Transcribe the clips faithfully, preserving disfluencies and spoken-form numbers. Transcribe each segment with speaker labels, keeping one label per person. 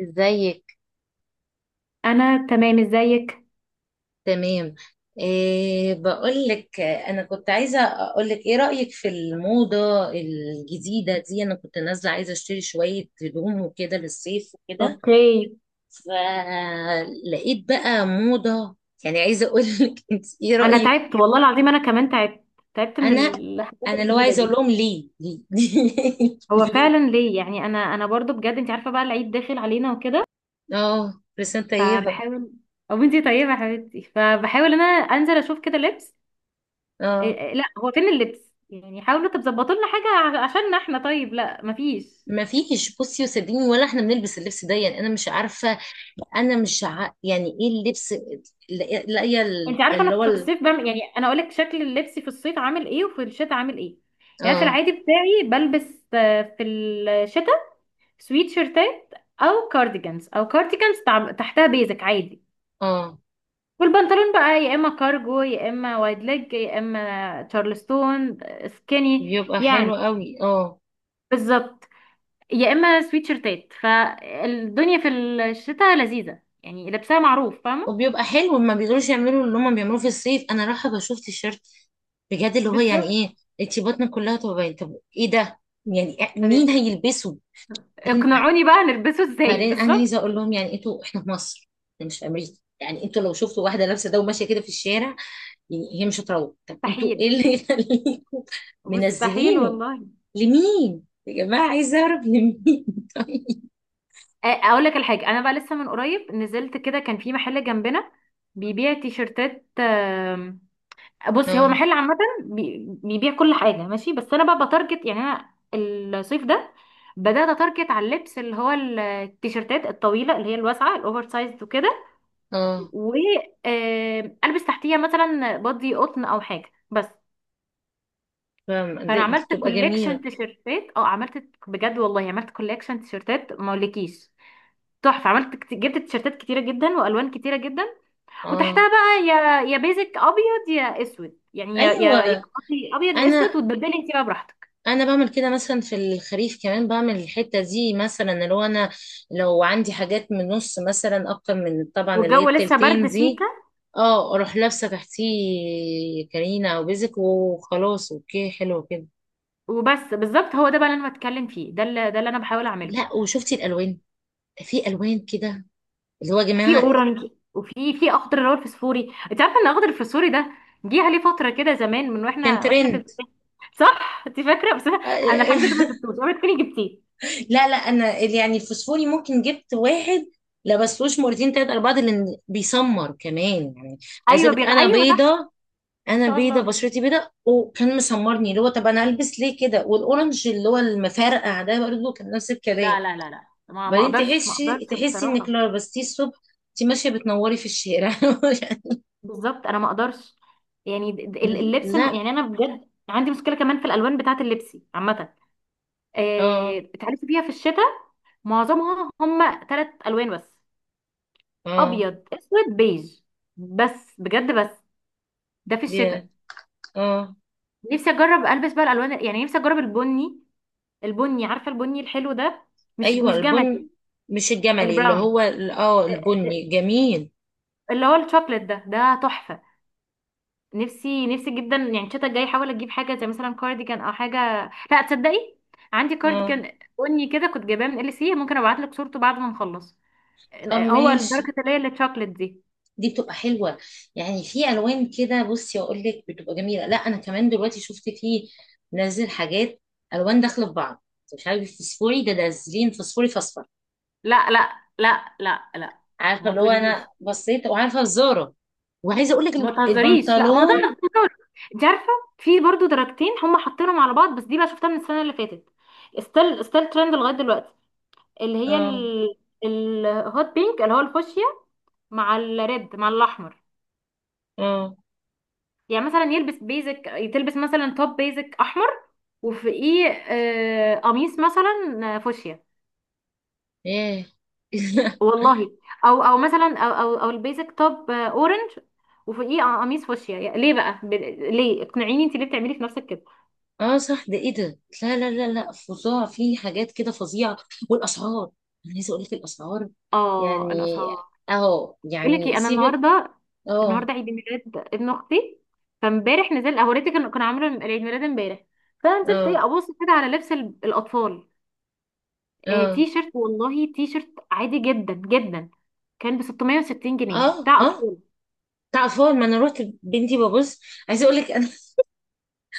Speaker 1: ازيك.
Speaker 2: انا تمام، ازيك؟
Speaker 1: تمام. إيه، بقول لك انا كنت عايزه اقول لك ايه رايك في الموضه الجديده دي، انا كنت نازله عايزه اشتري شويه هدوم وكده للصيف وكده،
Speaker 2: اوكي.
Speaker 1: فلقيت بقى موضه. يعني عايزه اقول لك انت ايه
Speaker 2: انا
Speaker 1: رايك؟
Speaker 2: تعبت والله العظيم، انا كمان تعبت. تعبت من
Speaker 1: انا
Speaker 2: الحاجات
Speaker 1: انا لو
Speaker 2: الجديده
Speaker 1: عايزه اقول
Speaker 2: دي.
Speaker 1: لهم ليه ليه
Speaker 2: هو
Speaker 1: ليه؟
Speaker 2: فعلا ليه يعني انا انا برضو بجد، انت عارفه بقى العيد داخل علينا وكده.
Speaker 1: اه، لسان طيبه.
Speaker 2: فبحاول. او انت طيبه يا حبيبتي، فبحاول انا انزل اشوف كده لبس. إيه
Speaker 1: اه،
Speaker 2: إيه، لا هو فين اللبس؟ يعني حاولوا تظبطوا لنا حاجه ع- عشان احنا. طيب، لا مفيش.
Speaker 1: ما فيش. بصي وصدقيني ولا احنا بنلبس اللبس ده، يعني انا مش عارفه. انا مش ع... يعني ايه اللبس؟ لا لا- يا ال-
Speaker 2: انت عارفه انا
Speaker 1: اللي هو
Speaker 2: في
Speaker 1: ال...
Speaker 2: الصيف بعمل، يعني انا اقول لك شكل اللبس في الصيف عامل ايه وفي الشتاء عامل ايه. يعني في
Speaker 1: اه.
Speaker 2: العادي بتاعي بلبس آه، في الشتاء سويت شيرتات او كارديجانز او كارديجانز تع- تحتها بيزك عادي.
Speaker 1: اه،
Speaker 2: والبنطلون بقى يا اما كارجو يا اما وايد ليج يا اما تشارلستون سكيني.
Speaker 1: بيبقى
Speaker 2: يعني
Speaker 1: حلو قوي. اه،
Speaker 2: بالظبط، يا اما سويت شيرتات. فالدنيا في الشتاء لذيذة، يعني لبسها معروف، فاهمة.
Speaker 1: وبيبقى حلو. ما بيقدروش يعملوا اللي هم بيعملوه في الصيف. انا رايحه بشوف تيشيرت بجد اللي هو يعني ايه؟
Speaker 2: بالظبط.
Speaker 1: انتي بطنك كلها تبقى باينه، طب ايه ده؟ يعني
Speaker 2: طب
Speaker 1: مين هيلبسه؟ بعدين
Speaker 2: اقنعوني بقى نلبسه ازاي
Speaker 1: بعدين انا
Speaker 2: بالظبط؟
Speaker 1: عايزه اقول لهم، يعني انتوا احنا في مصر، إحنا مش في امريكا. يعني انتوا لو شفتوا واحده لابسه ده وماشيه كده في الشارع، يعني هي مش هتروح. طب انتوا ايه
Speaker 2: مستحيل.
Speaker 1: اللي يخليكم
Speaker 2: مستحيل
Speaker 1: منزلينه؟
Speaker 2: والله.
Speaker 1: لمين يا جماعة؟ عايزة أعرف لمين. طيب.
Speaker 2: أ- اقول لك الحاجة، انا بقى لسه من قريب نزلت كده، كان في محل جنبنا بيبيع تيشرتات. بصي، هو
Speaker 1: اه.
Speaker 2: محل عامة بي- بيبيع كل حاجة ماشي، بس أنا بقى بتارجت يعني. أنا الصيف ده بدأت أتارجت على اللبس اللي هو ال- التيشيرتات الطويلة، اللي هي الواسعة الأوفر سايز وكده.
Speaker 1: اه،
Speaker 2: وألبس تحتيها مثلا بادي قطن أو حاجة بس.
Speaker 1: فاهمة.
Speaker 2: فأنا
Speaker 1: دي دي
Speaker 2: عملت
Speaker 1: بتبقى
Speaker 2: كوليكشن
Speaker 1: جميلة.
Speaker 2: تيشيرتات، أه عملت بجد والله. عملت كوليكشن تيشيرتات ما أقولكيش، تحفة. عملت كت- جبت تيشيرتات كتيرة جدا وألوان كتيرة جدا.
Speaker 1: اه.
Speaker 2: وتحتها بقى يا يا بيزك ابيض يا اسود، يعني يا يا يا
Speaker 1: أيوة.
Speaker 2: قصدي ابيض يا اسود،
Speaker 1: انا،
Speaker 2: وتبدلي انت بقى براحتك.
Speaker 1: انا بعمل كده مثلا في الخريف، كمان بعمل الحته دي مثلا، اللي هو انا لو عندي حاجات من نص مثلا، اكتر من طبعا اللي هي
Speaker 2: والجو لسه
Speaker 1: التلتين
Speaker 2: برد
Speaker 1: دي،
Speaker 2: سيكا.
Speaker 1: اه اروح لابسه تحتيه كرينه او بيزك وخلاص. اوكي، حلو كده.
Speaker 2: وبس بالظبط، هو ده بقى اللي انا بتكلم فيه، ده اللي ده اللي انا بحاول اعمله.
Speaker 1: لا وشفتي الالوان؟ في الوان كده اللي هو يا
Speaker 2: في
Speaker 1: جماعه.
Speaker 2: اورنج وفي في اخضر اللي هو الفسفوري. انت عارفه ان الاخضر الفسفوري ده جه عليه فتره كده زمان من
Speaker 1: كان
Speaker 2: واحنا واحنا في
Speaker 1: ترند.
Speaker 2: البداية. صح، انت فاكره؟ بس انا الحمد لله ما جبتوش، اوعي تكوني جبتيه.
Speaker 1: لا لا، انا ال- يعني الفوسفوري ممكن جبت واحد لبستوش مرتين تلاتة أربعة ده، لأن بيسمر كمان يعني. عايز
Speaker 2: ايوه
Speaker 1: أقولك
Speaker 2: بيغ...
Speaker 1: أنا
Speaker 2: ايوه صح،
Speaker 1: بيضة.
Speaker 2: ما
Speaker 1: أنا
Speaker 2: شاء
Speaker 1: بيضة،
Speaker 2: الله.
Speaker 1: بشرتي بيضة، وكان مسمرني، اللي هو طب أنا ألبس ليه كده؟ والأورنج اللي هو المفرقع ده برضه كان نفس الكلام.
Speaker 2: لا لا لا لا، ما ما
Speaker 1: بعدين
Speaker 2: اقدرش، ما
Speaker 1: تحسي
Speaker 2: اقدرش
Speaker 1: تحسي إنك
Speaker 2: بصراحه.
Speaker 1: لو لبستيه الصبح أنت ماشية بتنوري في الشارع.
Speaker 2: بالظبط، انا ما اقدرش. يعني د- د- اللبس الم-
Speaker 1: لا.
Speaker 2: يعني انا بجد عندي مشكله كمان في الالوان بتاعه اللبس عامه. آه،
Speaker 1: اه.
Speaker 2: بتعرفي فيها في الشتاء معظمها هم ثلاث الوان بس.
Speaker 1: اه.
Speaker 2: ابيض، اسود، بيج. بس بجد بس. ده في
Speaker 1: يا.
Speaker 2: الشتاء.
Speaker 1: اه.
Speaker 2: نفسي اجرب البس بقى الالوان، يعني نفسي اجرب البني. البني، عارفه البني الحلو ده، مش
Speaker 1: أيوه
Speaker 2: مش جمدي.
Speaker 1: البن، مش الجملي اللي
Speaker 2: البراون.
Speaker 1: هو ال- اه،
Speaker 2: آه،
Speaker 1: البني
Speaker 2: آه،
Speaker 1: جميل.
Speaker 2: اللي هو الشوكليت ده ده تحفه. نفسي نفسي جدا يعني، الشتا الجاي احاول اجيب حاجه زي مثلا كارديجان او حاجه، لا تصدقي. عندي
Speaker 1: اه.
Speaker 2: كارديجان بني كده كنت جايباه من ال سي، ممكن ابعت لك صورته بعد ما نخلص.
Speaker 1: طب
Speaker 2: هو
Speaker 1: ماشي.
Speaker 2: الدرجه اللي هي التشوكلت دي.
Speaker 1: دي بتبقى حلوة. يعني في ألوان كده، بصي أقول لك بتبقى جميلة. لا أنا كمان دلوقتي شفت فيه نازل حاجات ألوان داخلة في بعض. مش عارف فسفوري، ده نازلين فسفوري في أصفر.
Speaker 2: لا لا لا لا لا،
Speaker 1: عارفة
Speaker 2: ما
Speaker 1: اللي هو أنا
Speaker 2: تقوليش.
Speaker 1: بصيت، وعارفة الزارة وعايزة أقول
Speaker 2: ما
Speaker 1: لك
Speaker 2: تهزريش، لا، ما ده أنا
Speaker 1: البنطلون.
Speaker 2: بهزر. انت عارفه في برضو درجتين هم حاطينهم على بعض، بس دي بقى شفتها من السنه اللي فاتت. ستيل، ستيل ترند لغايه دلوقتي. اللي هي
Speaker 1: اه.
Speaker 2: ال... الهوت بينك اللي هو الفوشيا، مع الريد، مع الاحمر.
Speaker 1: اه.
Speaker 2: يعني مثلا يلبس بيزك، تلبس مثلا توب بيزك احمر، وفوقيه آه، قميص مثلا آه، فوشيا.
Speaker 1: ايه.
Speaker 2: والله. او او مثلا، او او او البيزك توب آه، اورنج، وفوقيه قميص فوشيا. يعني ليه بقى ب- ليه؟ اقنعيني، انت ليه بتعملي في نفسك كده؟
Speaker 1: اه صح، ده ايه ده؟ لا لا لا لا، فظاع، في حاجات كده فظيعة. والأسعار، أنا عايزة أقول لك الأسعار.
Speaker 2: اه
Speaker 1: يعني
Speaker 2: الاسعار.
Speaker 1: أهو
Speaker 2: بقول لك
Speaker 1: يعني
Speaker 2: ايه، انا
Speaker 1: سيبك.
Speaker 2: النهارده،
Speaker 1: اه.
Speaker 2: النهارده عيد ميلاد ابن اختي. فامبارح نزلت هوريتك، كان كان عامله عيد ميلاد امبارح. فنزلت
Speaker 1: اه.
Speaker 2: ايه ابص كده على لبس ال- الاطفال. آه،
Speaker 1: اه.
Speaker 2: تي شيرت والله، تي شيرت عادي جدا جدا، كان ب ست ميت جنيه
Speaker 1: اه.
Speaker 2: بتاع
Speaker 1: اه.
Speaker 2: اطفال.
Speaker 1: تعرفون ما انا رحت بنتي ببص، عايزه اقول لك انا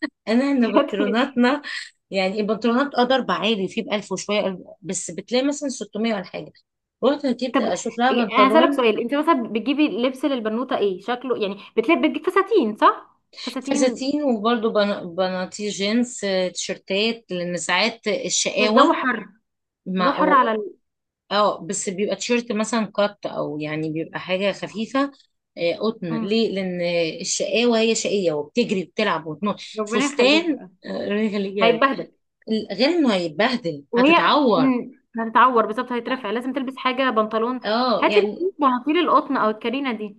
Speaker 1: انا احنا
Speaker 2: بجد.
Speaker 1: بنطلوناتنا، يعني البنطلونات اه ضرب عالي فيه ب ألف وشويه، قلب- بس بتلاقي مثلا ستمية ولا حاجه. رحت ركبت
Speaker 2: طب
Speaker 1: اشوف لها
Speaker 2: إيه، انا هسألك
Speaker 1: بنطلون.
Speaker 2: سؤال. انت مثلا بتجيبي لبس للبنوتة ايه شكله؟ يعني بتلبس، بتجيب فساتين صح، فساتين.
Speaker 1: فساتين وبرده بناطيل جينز، آه، تيشرتات لان ساعات
Speaker 2: الجو
Speaker 1: الشقاوه
Speaker 2: حر. الجو
Speaker 1: مع،
Speaker 2: حر على ال...
Speaker 1: اه بس بيبقى تيشيرت مثلا قط او يعني بيبقى حاجه خفيفه، آه، قطن،
Speaker 2: مم.
Speaker 1: ليه؟ لان الشقاوه هي شقيه وبتجري وبتلعب وتنط.
Speaker 2: ربنا يخليك
Speaker 1: فستان،
Speaker 2: بقى.
Speaker 1: آه، رجل جلد،
Speaker 2: هيتبهدل.
Speaker 1: غير انه هيتبهدل
Speaker 2: وهي
Speaker 1: هتتعور.
Speaker 2: مم، هتتعور بالظبط، هيترفع، لازم تلبس حاجة بنطلون.
Speaker 1: اه
Speaker 2: هاتي بقى
Speaker 1: يعني.
Speaker 2: بناطيل القطن او الكارينا دي.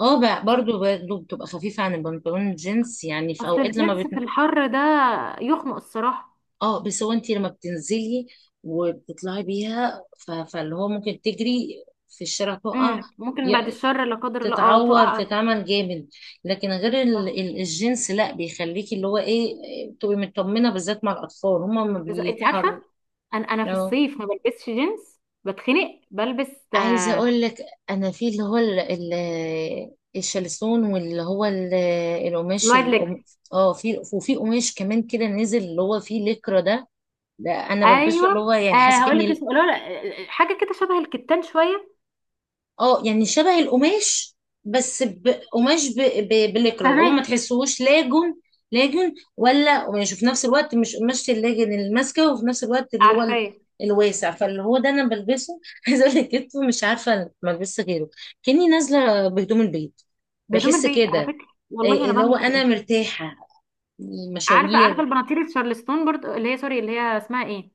Speaker 1: اه، بقى
Speaker 2: سب-
Speaker 1: برضو برضو بتبقى خفيفه عن البنطلون الجينز، يعني في
Speaker 2: اصل
Speaker 1: اوقات لما
Speaker 2: الجينز
Speaker 1: بت...
Speaker 2: في الحر ده يخنق الصراحة.
Speaker 1: اه بس هو انت لما بتنزلي وبتطلعي بيها ف... فاللي هو ممكن تجري في الشارع تقع
Speaker 2: امم ممكن بعد الشر لا قدر الله، اه
Speaker 1: تتعور
Speaker 2: تقع.
Speaker 1: تتعمل جامد. لكن غير ال-
Speaker 2: صح.
Speaker 1: ال- الجنس لا، بيخليكي اللي هو ايه تبقي مطمنه، بالذات مع الاطفال هما ما
Speaker 2: بس انت عارفه،
Speaker 1: بيتحركوا.
Speaker 2: انا انا في
Speaker 1: اه.
Speaker 2: الصيف ما بلبسش جينز، بتخنق. بلبس
Speaker 1: عايزه
Speaker 2: آه،
Speaker 1: اقول لك انا في اللي هو ال- ال- الشلسون واللي هو ال- القماش
Speaker 2: الوايد ليج.
Speaker 1: القم- اه في، وفي قماش كمان كده نزل اللي هو فيه لكرة ده، ده انا بلبسه
Speaker 2: ايوه.
Speaker 1: اللي هو يعني
Speaker 2: آه
Speaker 1: حاسه
Speaker 2: هقول لك
Speaker 1: كاني.
Speaker 2: اسمه، لا، لا حاجه كده شبه الكتان شويه.
Speaker 1: اه يعني شبه القماش بس بقماش ب... ب... بالإكرا القماش،
Speaker 2: فهماك.
Speaker 1: ما تحسوش لاجن، لاجن ولا قماش، وفي نفس الوقت مش قماش اللاجن الماسكة، وفي نفس الوقت اللي هو ال-
Speaker 2: عارفاه.
Speaker 1: الواسع، فاللي هو ده انا بلبسه. عايزه اقول لك كتفه مش عارفه، ما البس غيره، كاني نازله بهدوم البيت،
Speaker 2: بهدوم
Speaker 1: بحس
Speaker 2: البيت، على
Speaker 1: كده
Speaker 2: فكره
Speaker 1: إيه-
Speaker 2: والله انا
Speaker 1: اللي هو
Speaker 2: بعمل
Speaker 1: انا
Speaker 2: كده.
Speaker 1: مرتاحه،
Speaker 2: عارفه عارفه
Speaker 1: مشاوير.
Speaker 2: البناطيل الشارلستون برضو، اللي هي سوري اللي هي اسمها ايه،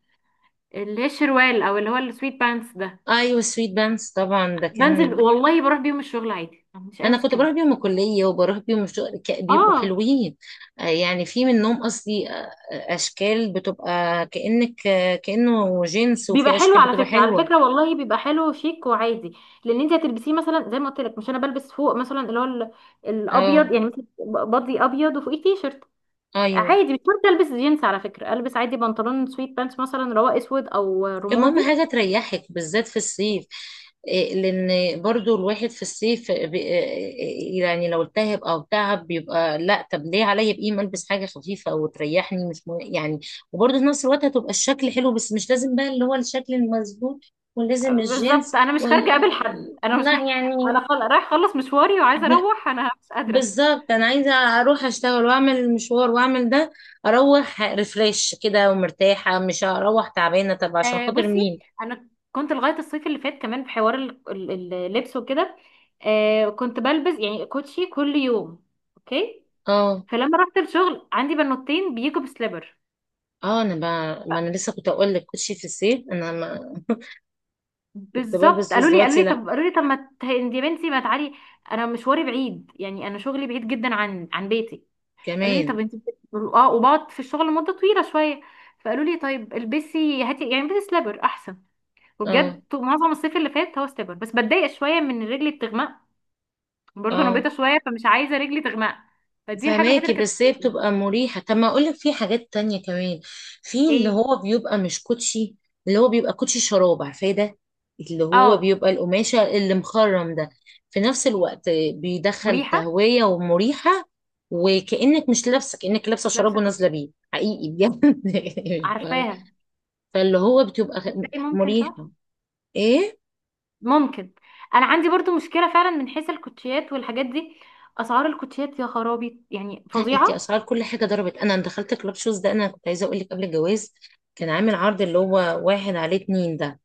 Speaker 2: اللي هي الشروال او اللي هو السويت بانس ده.
Speaker 1: ايوه سويت بانس طبعا ده
Speaker 2: بنزل
Speaker 1: كان،
Speaker 2: والله بروح بيهم الشغل عادي، مش اي
Speaker 1: انا كنت
Speaker 2: مشكله.
Speaker 1: بروح بيهم الكليه وبروح بيهم الشغل، ك- بيبقوا
Speaker 2: اه
Speaker 1: حلوين. آه، يعني في منهم اصلي، آه، آه، اشكال بتبقى كانك آه، كانه جنس،
Speaker 2: بيبقى
Speaker 1: وفي
Speaker 2: حلو
Speaker 1: اشكال
Speaker 2: على
Speaker 1: بتبقى
Speaker 2: فكره، على
Speaker 1: حلوه.
Speaker 2: فكره والله بيبقى حلو شيك وعادي. لان انت هتلبسيه مثلا زي ما قلت لك، مش انا بلبس فوق مثلا اللي هو ال- الابيض
Speaker 1: اه.
Speaker 2: يعني مثلا، بادي ابيض وفوقيه تي شيرت.
Speaker 1: ايوه.
Speaker 2: عادي مش شرط البس جينز، على فكره البس عادي بنطلون سويت بانس مثلا اللي هو اسود او
Speaker 1: المهم
Speaker 2: رمادي.
Speaker 1: حاجة تريحك بالذات في الصيف. إيه، لان برضو الواحد في الصيف بي- إيه، يعني لو التهب او تعب بيبقى، لا طب ليه عليا بقيمة، البس حاجة خفيفة وتريحني، مش مه... يعني وبرضو في نفس الوقت هتبقى الشكل حلو، بس مش لازم بقى اللي هو الشكل المظبوط ولازم
Speaker 2: بالظبط
Speaker 1: الجينز
Speaker 2: انا مش
Speaker 1: وال...
Speaker 2: خارجه اقابل
Speaker 1: آه.
Speaker 2: حد، انا مش خارجة.
Speaker 1: لا يعني
Speaker 2: انا خل... رايح اخلص مشواري وعايزه
Speaker 1: احنا،
Speaker 2: اروح، انا مش قادره.
Speaker 1: بالظبط انا عايزة اروح اشتغل واعمل المشوار واعمل ده، اروح ريفريش كده ومرتاحة، مش هروح تعبانة، طب عشان
Speaker 2: آه
Speaker 1: خاطر
Speaker 2: بصي،
Speaker 1: مين؟
Speaker 2: انا كنت لغايه الصيف اللي فات كمان في حوار ال- ال- اللبس وكده. آه كنت بلبس يعني كوتشي كل يوم. اوكي.
Speaker 1: اه.
Speaker 2: فلما رحت الشغل عندي بنوتين بيجوا بسليبر.
Speaker 1: اه، انا بقى ما انا لسه كنت اقول لك كوتشي في الصيف، انا ما كنت
Speaker 2: بالظبط،
Speaker 1: بلبس، بس
Speaker 2: قالوا لي قالوا
Speaker 1: دلوقتي
Speaker 2: لي
Speaker 1: لا،
Speaker 2: طب قالوا لي طب ما ت- انت يا بنتي ما تعالي. انا مشواري بعيد يعني، انا شغلي بعيد جدا عن عن بيتي. قالوا لي
Speaker 1: كمان.
Speaker 2: طب انت بت- اه، وبقعد في الشغل مده طويله شويه. فقالوا لي طيب البسي، هاتي يعني البسي سليبر احسن.
Speaker 1: اه.
Speaker 2: وبجد طو- معظم الصيف اللي فات هو سليبر بس. بتضايق شويه من إن رجلي بتغمق. برضه انا
Speaker 1: اه.
Speaker 2: بيضه شويه فمش عايزه رجلي تغمق. فدي الحاجه الوحيده
Speaker 1: فماكي،
Speaker 2: اللي كانت
Speaker 1: بس هي
Speaker 2: بتضايقني.
Speaker 1: بتبقى مريحة. طب ما اقول لك في حاجات تانية كمان، في اللي
Speaker 2: ايه.
Speaker 1: هو بيبقى مش كوتشي، اللي هو بيبقى كوتشي شراب، عارفاه ده؟ اللي هو
Speaker 2: اه.
Speaker 1: بيبقى القماشة اللي مخرم ده، في نفس الوقت بيدخل
Speaker 2: مريحه.
Speaker 1: تهوية ومريحة، وكأنك مش لابسة، كأنك لابسة
Speaker 2: مش
Speaker 1: شراب
Speaker 2: لابسه كنت،
Speaker 1: ونازلة بيه حقيقي بجد.
Speaker 2: عارفاها.
Speaker 1: فاللي هو بتبقى
Speaker 2: تبدأي ممكن، صح.
Speaker 1: مريحة. ايه.
Speaker 2: ممكن. انا عندي برضو مشكله فعلا من حيث الكوتشيات والحاجات دي. اسعار الكوتشيات يا خرابي، يعني
Speaker 1: لا انت،
Speaker 2: فظيعه.
Speaker 1: اسعار كل حاجه ضربت. انا دخلت كلاب شوز، ده انا كنت عايزه اقول لك قبل الجواز كان عامل عرض اللي هو واحد عليه اتنين ده،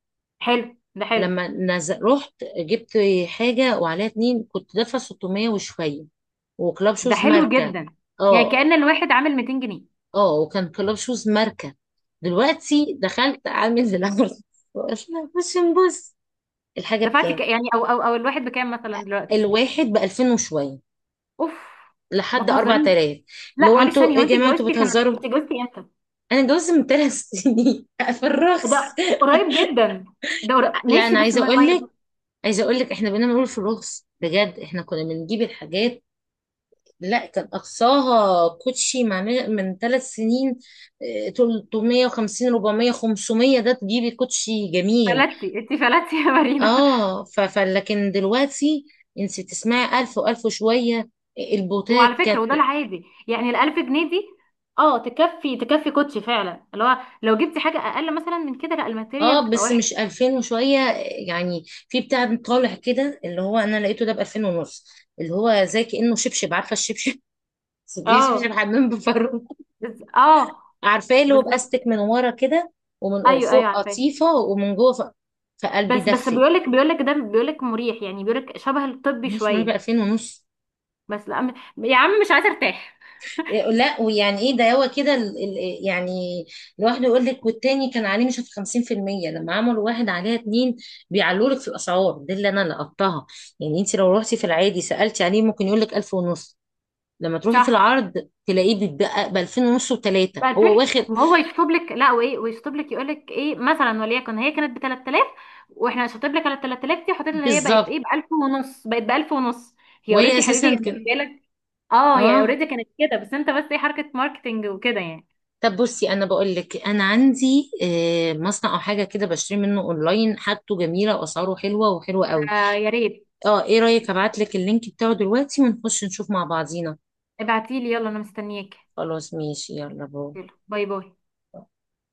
Speaker 2: حلو. ده حلو
Speaker 1: لما نزل رحت جبت حاجه وعليها اتنين كنت دافعه ستمية وشويه، وكلاب
Speaker 2: ده
Speaker 1: شوز
Speaker 2: حلو
Speaker 1: ماركه.
Speaker 2: جدا. يعني
Speaker 1: اه.
Speaker 2: كأن الواحد عامل ميتين جنيه.
Speaker 1: اه، وكان كلاب شوز ماركه. دلوقتي دخلت عامل زي العرض، وقلنا بص نبص الحاجه
Speaker 2: دفعتي ك...
Speaker 1: بكام،
Speaker 2: يعني، او او او الواحد بكام مثلا دلوقتي؟
Speaker 1: الواحد ب ألفين وشويه
Speaker 2: اوف. ما
Speaker 1: لحد
Speaker 2: تهزريش.
Speaker 1: اربع تلاف. اللي
Speaker 2: لا
Speaker 1: هو
Speaker 2: معلش
Speaker 1: انتوا
Speaker 2: ثانيه،
Speaker 1: ايه
Speaker 2: هو
Speaker 1: يا
Speaker 2: انت
Speaker 1: جماعه، انتوا
Speaker 2: اتجوزتي سنه؟ انت
Speaker 1: بتهزروا؟
Speaker 2: اتجوزتي امتى؟
Speaker 1: انا اتجوزت من ثلاث سنين في الرخص.
Speaker 2: ده قريب جدا. ده قريب.
Speaker 1: لا
Speaker 2: ماشي
Speaker 1: انا
Speaker 2: بس
Speaker 1: عايزه
Speaker 2: ما
Speaker 1: اقول لك،
Speaker 2: ما
Speaker 1: عايزه اقول لك احنا بنعمل في الرخص بجد، احنا كنا بنجيب الحاجات. لا كان اقصاها كوتشي مع من من ثلاث سنين آه، تلتمية وخمسين اربعمية خمسمية، ده تجيبي كوتشي جميل.
Speaker 2: فلتي انت، فلتي يا مارينا.
Speaker 1: اه ف ف- لكن دلوقتي انت تسمعي ألف و1000 وشويه، آه،
Speaker 2: وعلى
Speaker 1: البوتات
Speaker 2: فكرة،
Speaker 1: كانت،
Speaker 2: وده العادي يعني الألف جنيه دي. اه تكفي، تكفي كوتشي فعلا، اللي هو لو جبتي حاجة أقل مثلا من كده، لا الماتيريال
Speaker 1: اه
Speaker 2: بتبقى
Speaker 1: بس مش
Speaker 2: وحشة.
Speaker 1: ألفين وشويه، آه، يعني في بتاع طالع كده اللي هو انا لقيته ده ب ألفين ونص، اللي هو زي كانه شبشب، عارفه الشبشب؟ دي شبشب
Speaker 2: اه.
Speaker 1: حمام بفرو،
Speaker 2: بز... اه.
Speaker 1: عارفاه اللي هو
Speaker 2: بالظبط.
Speaker 1: باستك من ورا كده، ومن
Speaker 2: ايوه ايوه،
Speaker 1: فوق
Speaker 2: عارفاه.
Speaker 1: قطيفه ومن جوه ف- فقلبي
Speaker 2: بس بس
Speaker 1: دفي.
Speaker 2: بيقولك بيقولك ده بيقولك مريح، يعني بيقولك شبه الطبي
Speaker 1: ماشي معايا ب
Speaker 2: شوية.
Speaker 1: ألفين ونص.
Speaker 2: بس لا م- يا عم مش عايزة ارتاح.
Speaker 1: إيه، لا، ويعني ايه ده هو كده ال- ال- يعني لوحده يقول لك، والتاني كان عليه مش في خمسين في المية، لما عملوا واحد عليها اتنين بيعلوا لك في الاسعار دي، اللي انا لقطتها يعني. انت لو رحتي في العادي سالتي عليه ممكن يقول لك ألف ونص، لما تروحي في
Speaker 2: صح
Speaker 1: العرض تلاقيه بيتبقى ب ألفين ونص وثلاثه
Speaker 2: بقى
Speaker 1: هو
Speaker 2: الفكرة.
Speaker 1: واخد.
Speaker 2: وهو يشطب لك، لا وايه، ويشطب لك يقول لك ايه مثلا، وليكن هي كانت ب تلات تلاف، واحنا شطب لك على ال تلات تلاف دي حطيت، اللي هي بقت
Speaker 1: بالظبط.
Speaker 2: ايه، ب ألف ونص، بقت ب ألف ونص. هي
Speaker 1: وهي
Speaker 2: اوريدي
Speaker 1: اساسا
Speaker 2: حبيبي.
Speaker 1: كان.
Speaker 2: هي اه هي
Speaker 1: اه
Speaker 2: اوريدي كانت كده، بس انت بس ايه حركة ماركتينج وكده يعني.
Speaker 1: طب بصي انا بقول لك انا عندي آه، مصنع او حاجه كده بشتري منه اونلاين، حاجته جميله واسعاره حلوه وحلوه قوي.
Speaker 2: آه يا ريت.
Speaker 1: اه، ايه رايك ابعت لك اللينك بتاعه دلوقتي ونخش نشوف مع بعضينا؟
Speaker 2: ابعتيلي يلا، انا مستنياك.
Speaker 1: خلاص ماشي، يلا باي.
Speaker 2: يلا باي باي.